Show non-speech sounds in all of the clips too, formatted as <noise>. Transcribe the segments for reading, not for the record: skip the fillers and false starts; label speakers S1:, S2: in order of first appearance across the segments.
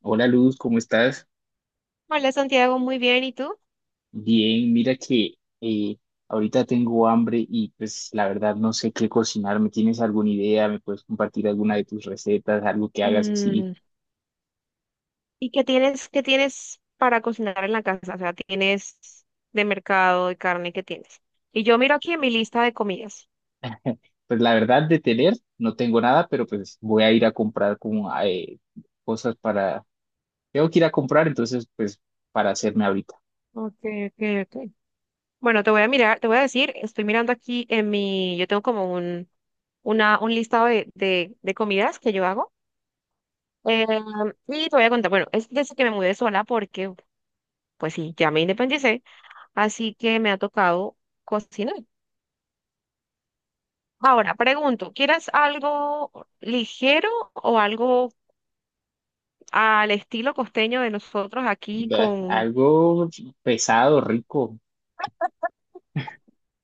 S1: Hola Luz, ¿cómo estás?
S2: Hola Santiago, muy bien. ¿Y tú?
S1: Bien, mira que eh, ahorita tengo hambre y pues la verdad no sé qué cocinar. ¿Me tienes alguna idea? ¿Me puedes compartir alguna de tus recetas? Algo que hagas así.
S2: Mm, ¿Y qué tienes para cocinar en la casa? O sea, tienes de mercado, de carne, ¿qué tienes? Y yo miro aquí en mi lista de comidas.
S1: Pues la verdad de tener no tengo nada, pero pues voy a ir a comprar como cosas para... Tengo que ir a comprar, entonces pues para hacerme ahorita.
S2: Ok, ok, ok. Bueno, te voy a mirar, te voy a decir, estoy mirando aquí en mi, yo tengo como un listado de comidas que yo hago. Eh, y te voy a contar, bueno, es desde que me mudé sola porque, pues sí, ya me independicé, así que me ha tocado cocinar. Ahora, pregunto, ¿quieres algo ligero o algo al estilo costeño de nosotros aquí
S1: Bah,
S2: con...
S1: algo pesado, rico.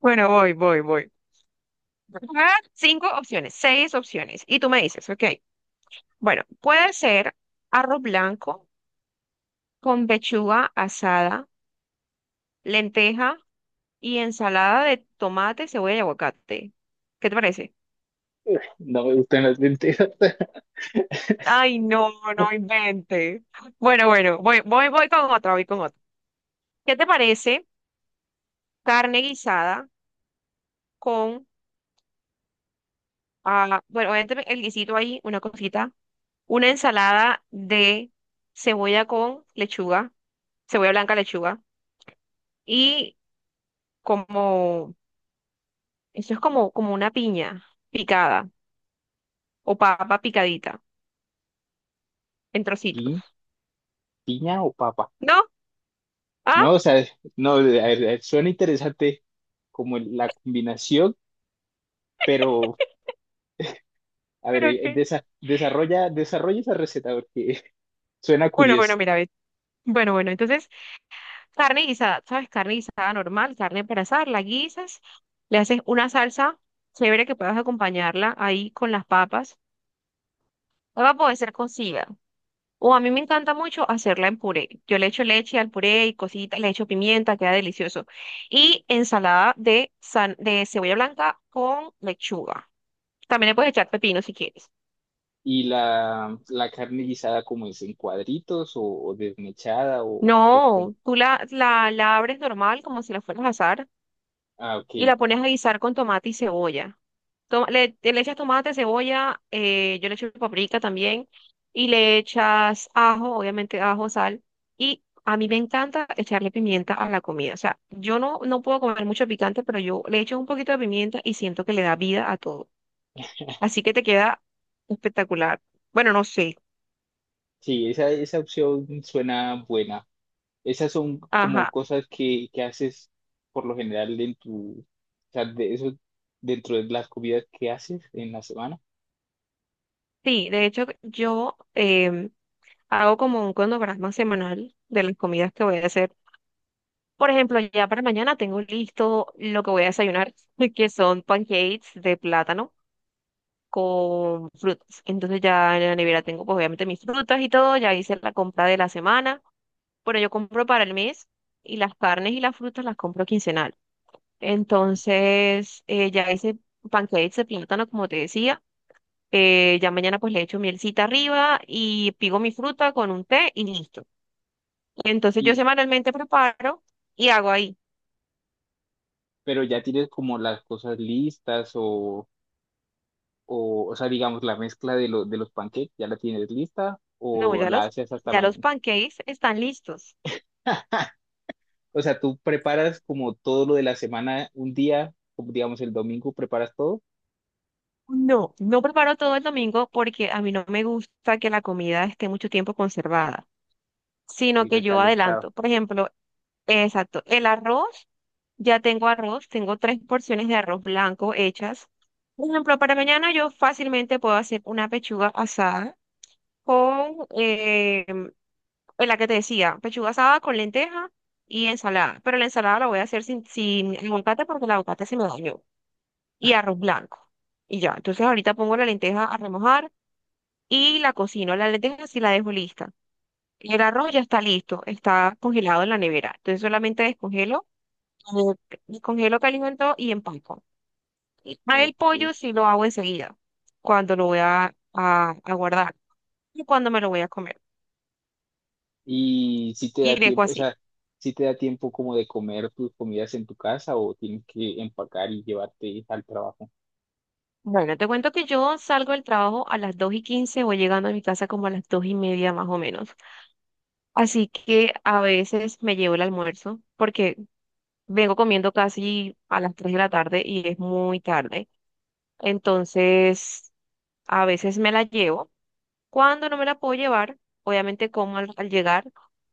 S2: Bueno, voy. Voy a dar cinco opciones, seis opciones. Y tú me dices, ok, bueno, puede ser arroz blanco con pechuga asada, lenteja y ensalada de tomate, cebolla y aguacate. ¿Qué te parece?
S1: No me gustan las lentejas. <laughs>
S2: Ay, no, no invente. Bueno, bueno, voy con otra, voy con otra. ¿Qué te parece carne guisada con? Ah, bueno, obviamente el guisito ahí, una cosita. Una ensalada de cebolla con lechuga, cebolla blanca, lechuga. Y como, eso es como una piña picada o papa picadita en trocitos.
S1: Pi- ¿Piña o papa?
S2: ¿No? Ah,
S1: No, o sea, no, a ver, suena interesante, como la combinación, pero a ver,
S2: pero qué.
S1: desarrolla, desarrolla esa receta porque <laughs> suena
S2: Bueno,
S1: curioso.
S2: bueno, mira, ve. Bueno, bueno, entonces carne guisada, ¿sabes? Carne guisada normal, carne para asar, la guisas, le haces una salsa chévere que puedas acompañarla ahí con las papas. Papa puede ser cocida. O a mí me encanta mucho hacerla en puré. Yo le echo leche al puré y cositas, le echo pimienta, queda delicioso. Y ensalada de cebolla blanca con lechuga. También le puedes echar pepino si quieres.
S1: Y la carne guisada, como es? ¿En cuadritos o desmechada o con...
S2: No, tú la abres normal como si la fueras a asar
S1: Ah,
S2: y
S1: ok.
S2: la pones a guisar con tomate y cebolla. Le echas tomate, cebolla, yo le echo paprika también, y le echas ajo, obviamente ajo, sal, y a mí me encanta echarle pimienta a la comida. O sea, yo no puedo comer mucho picante, pero yo le echo un poquito de pimienta y siento que le da vida a todo. Así que te queda espectacular. Bueno, no sé.
S1: Sí, esa opción suena buena. Esas son como
S2: Ajá.
S1: cosas que haces por lo general en tu... O sea, de eso dentro de las comidas que haces en la semana.
S2: Sí, de hecho, yo em, hago como un cronograma semanal de las comidas que voy a hacer. Por ejemplo, ya para mañana tengo listo lo que voy a desayunar, <laughs> que son pancakes de plátano con frutas. Entonces ya en la nevera tengo pues obviamente mis frutas y todo, ya hice la compra de la semana. Bueno, yo compro para el mes y las carnes y las frutas las compro quincenal. Entonces ya hice pancakes de plátano como te decía. Ya mañana pues le echo mielcita arriba y pigo mi fruta con un té y listo. Entonces yo
S1: Y,
S2: semanalmente preparo y hago ahí.
S1: pero ya tienes como las cosas listas o sea, digamos, la mezcla de, de los pancakes, ¿ya la tienes lista
S2: No,
S1: o
S2: ya
S1: la
S2: los,
S1: haces hasta
S2: ya los
S1: mañana?
S2: pancakes están listos.
S1: <laughs> O sea, tú preparas como todo lo de la semana un día, como digamos el domingo, preparas todo,
S2: No, no preparo todo el domingo porque a mí no me gusta que la comida esté mucho tiempo conservada, sino
S1: el
S2: que yo adelanto.
S1: recalentado.
S2: Por ejemplo, exacto, el arroz, ya tengo arroz, tengo tres porciones de arroz blanco hechas. Por ejemplo, para mañana yo fácilmente puedo hacer una pechuga asada con, en la que te decía, pechuga asada con lenteja y ensalada. Pero la ensalada la voy a hacer sin aguacate porque el aguacate se me dañó. Y arroz blanco. Y ya, entonces ahorita pongo la lenteja a remojar y la cocino. La lenteja sí la dejo lista. El arroz ya está listo, está congelado en la nevera. Entonces solamente eh, descongelo, caliento y empaco. Y a el
S1: Ok.
S2: pollo sí lo hago enseguida, cuando lo voy a guardar y cuando me lo voy a comer.
S1: Y si te
S2: Y
S1: da
S2: dejo
S1: tiempo, o
S2: así.
S1: sea, si te da tiempo como de comer tus comidas en tu casa o tienes que empacar y llevarte al trabajo.
S2: Bueno, te cuento que yo salgo del trabajo a las 2:15, voy llegando a mi casa como a las 2:30 más o menos. Así que a veces me llevo el almuerzo porque vengo comiendo casi a las 3 de la tarde y es muy tarde. Entonces, a veces me la llevo. Cuando no me la puedo llevar, obviamente como al llegar.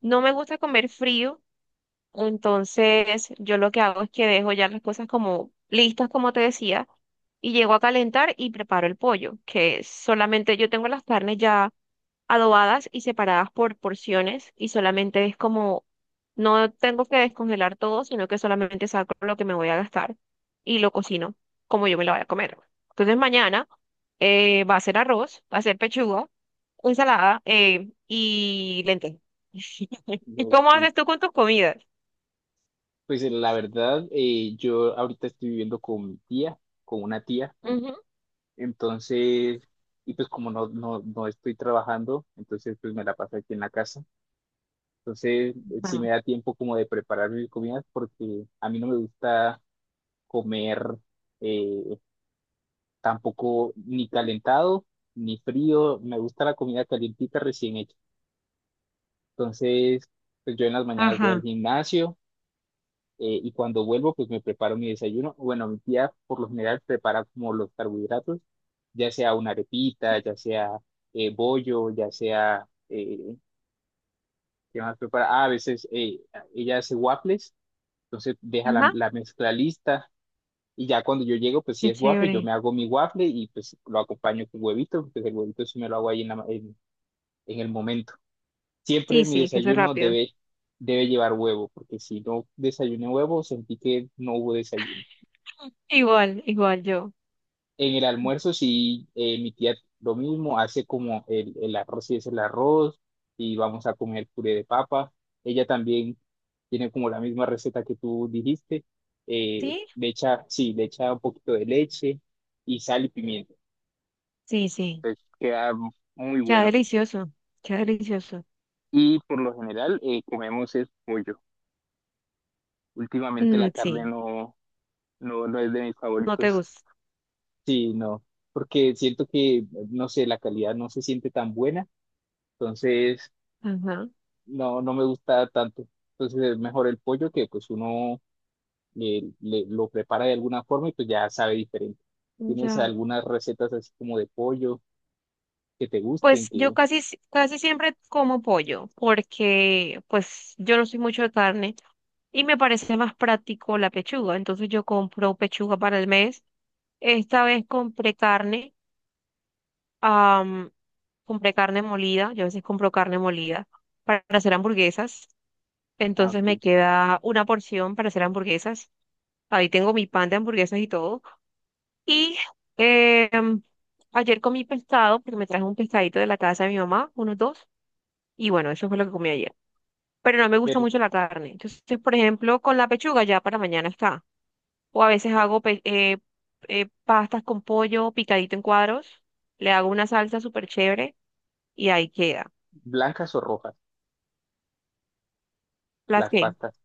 S2: No me gusta comer frío, entonces yo lo que hago es que dejo ya las cosas como listas, como te decía, y llego a calentar y preparo el pollo, que solamente yo tengo las carnes ya adobadas y separadas por porciones y solamente es como, no tengo que descongelar todo, sino que solamente saco lo que me voy a gastar y lo cocino como yo me lo voy a comer. Entonces mañana va a ser arroz, va a ser pechuga, ensalada, y lentejas. <laughs> ¿Y cómo
S1: Ok.
S2: haces tú con tus comidas?
S1: Pues la verdad, yo ahorita estoy viviendo con mi tía, con una tía.
S2: Ujú.
S1: Entonces, y pues como no estoy trabajando, entonces pues me la paso aquí en la casa. Entonces, sí me
S2: Ajá.
S1: da tiempo como de preparar mis comidas porque a mí no me gusta comer eh, tampoco ni calentado ni frío. Me gusta la comida calientita recién hecha. Entonces, pues yo en las mañanas voy al
S2: Ajá.
S1: gimnasio, y cuando vuelvo, pues me preparo mi desayuno. Bueno, mi tía por lo general prepara como los carbohidratos, ya sea una arepita,
S2: Sí.
S1: ya sea, bollo, ya sea, ¿qué más prepara? Ah, a veces ella hace waffles, entonces deja la,
S2: Ajá.
S1: la mezcla lista y ya cuando yo llego, pues si
S2: Qué
S1: es waffle, yo
S2: chévere.
S1: me hago mi waffle y pues lo acompaño con huevito, pues el huevito sí me lo hago ahí en, en el momento. Siempre
S2: Sí, sí, que eso es rápido.
S1: debe llevar huevo, porque si no desayuné huevo, sentí que no hubo desayuno.
S2: <laughs> Igual, igual yo.
S1: En el almuerzo sí, mi tía lo mismo, hace como el arroz, y es el arroz y vamos a comer puré de papa. Ella también tiene como la misma receta que tú dijiste.
S2: ¿Sí?
S1: Le echa, sí, le echa un poquito de leche y sal y pimienta.
S2: Sí, sí.
S1: Entonces queda muy
S2: Queda
S1: bueno.
S2: delicioso, queda delicioso.
S1: Y por lo general comemos es pollo. Últimamente la
S2: Mm,
S1: carne
S2: sí,
S1: no, no es de mis
S2: no te
S1: favoritos.
S2: gusta.
S1: Sí, no, porque siento que, no sé, la calidad no se siente tan buena. Entonces
S2: Ajá,
S1: no me gusta tanto. Entonces es mejor el pollo, que pues uno lo prepara de alguna forma y pues ya sabe diferente. ¿Tienes
S2: ya.
S1: algunas recetas así como de pollo que te gusten?
S2: Pues yo
S1: Que,
S2: casi, si- casi siempre como pollo, porque pues yo no soy mucho de carne y me parece más práctico la pechuga. Entonces yo compro pechuga para el mes. Esta vez compré carne, am, compré carne molida. Yo a veces compro carne molida para hacer hamburguesas.
S1: ah,
S2: Entonces me
S1: ok.
S2: queda una porción para hacer hamburguesas. Ahí tengo mi pan de hamburguesas y todo. Y eh, ayer comí pescado, porque me traje un pescadito de la casa de mi mamá, unos dos, y bueno, eso fue lo que comí ayer. Pero no me gusta
S1: Pero,
S2: mucho la carne. Entonces, por ejemplo, con la pechuga ya para mañana está. O a veces hago pastas con pollo picadito en cuadros, le hago una salsa súper chévere y ahí queda.
S1: ¿blancas o rojas,
S2: ¿Las
S1: las
S2: que?
S1: pastas?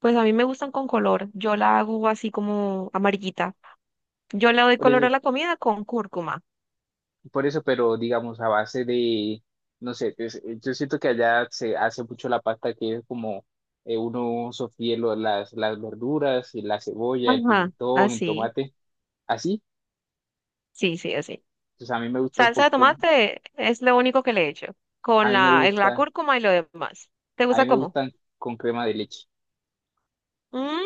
S2: Pues a mí me gustan con color. Yo la hago así como amarillita. Yo le doy
S1: Por
S2: color
S1: eso,
S2: a la comida con cúrcuma.
S1: por eso, pero digamos a base de, no sé, yo siento que allá se hace mucho la pasta, que es como, uno sofríe las verduras, y la cebolla, el
S2: Ajá,
S1: pimentón, el
S2: así.
S1: tomate, así.
S2: Sí, sí, así.
S1: Entonces a mí me gusta un
S2: Salsa de
S1: poquito.
S2: tomate es lo único que le he hecho, con
S1: A mí me
S2: la
S1: gusta
S2: cúrcuma y lo demás. ¿Te
S1: A
S2: gusta
S1: mí me
S2: cómo?
S1: gustan con crema de leche.
S2: Mm,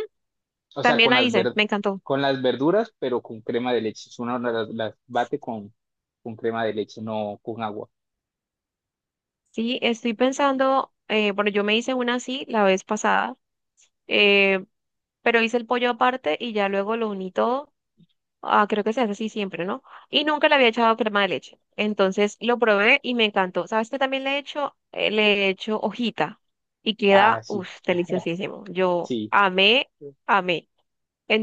S1: O sea,
S2: También la hice, me encantó.
S1: con las verduras, pero con crema de leche. Si uno las bate con crema de leche, no con agua.
S2: Sí, estoy pensando, bueno, yo me hice una así la vez pasada, eh, pero hice el pollo aparte y ya luego lo uní todo. Ah, creo que se hace así siempre, ¿no? Y nunca le había echado crema de leche. Entonces lo probé y me encantó. ¿Sabes qué también le he hecho? Le he hecho hojita y
S1: Ah,
S2: queda,
S1: sí.
S2: uff,
S1: <laughs>
S2: deliciosísimo. Yo
S1: Sí.
S2: amé, amé.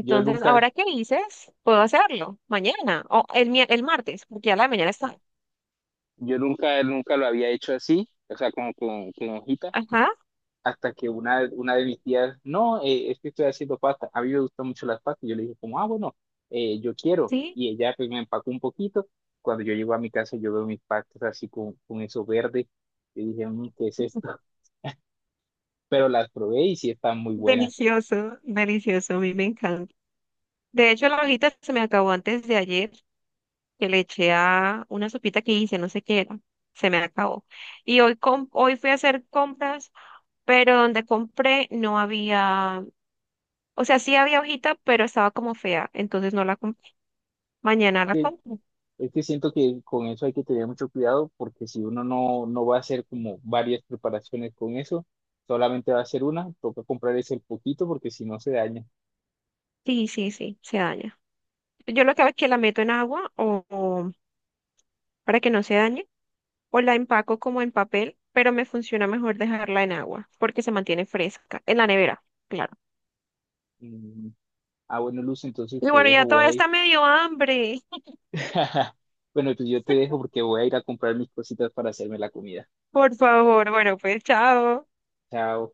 S1: Yo nunca,
S2: ahora que dices, puedo hacerlo mañana o el martes, porque ya la de mañana está.
S1: yo nunca, nunca lo había hecho así. O sea, como con hojitas,
S2: Ajá,
S1: hasta que una de mis tías, no, es que estoy haciendo pasta, a mí me gustan mucho las pastas, yo le dije como, ah, bueno, yo quiero,
S2: sí,
S1: y ella pues me empacó un poquito, cuando yo llego a mi casa yo veo mis pastas así con eso verde, y dije, "Mm, ¿qué es esto?" <laughs> Pero las probé y sí están muy buenas.
S2: delicioso, delicioso, a mí me encanta. De hecho, la hojita se me acabó antes de ayer, que le eché a una sopita que hice, no sé qué era, se me acabó. Y hoy fui a hacer compras, pero donde compré no había, o sea, sí había hojita, pero estaba como fea, entonces no la compré. Mañana la
S1: Sí,
S2: compro.
S1: es que siento que con eso hay que tener mucho cuidado, porque si uno no, no va a hacer como varias preparaciones con eso, solamente va a hacer una, toca comprar ese poquito porque si no se daña.
S2: Sí, sí, sí, se daña. Yo lo que hago es que la meto en agua o para que no se dañe, o la empaco como en papel, pero me funciona mejor dejarla en agua porque se mantiene fresca, en la nevera, claro.
S1: Mm, ah, bueno, Luz, entonces
S2: Y
S1: te
S2: bueno,
S1: dejo,
S2: ya
S1: voy
S2: toda
S1: a ir
S2: esta me dio hambre.
S1: <laughs> bueno, pues yo te dejo porque voy a ir a comprar mis cositas para hacerme la comida.
S2: <laughs> Por favor, bueno, pues chao.
S1: Chao.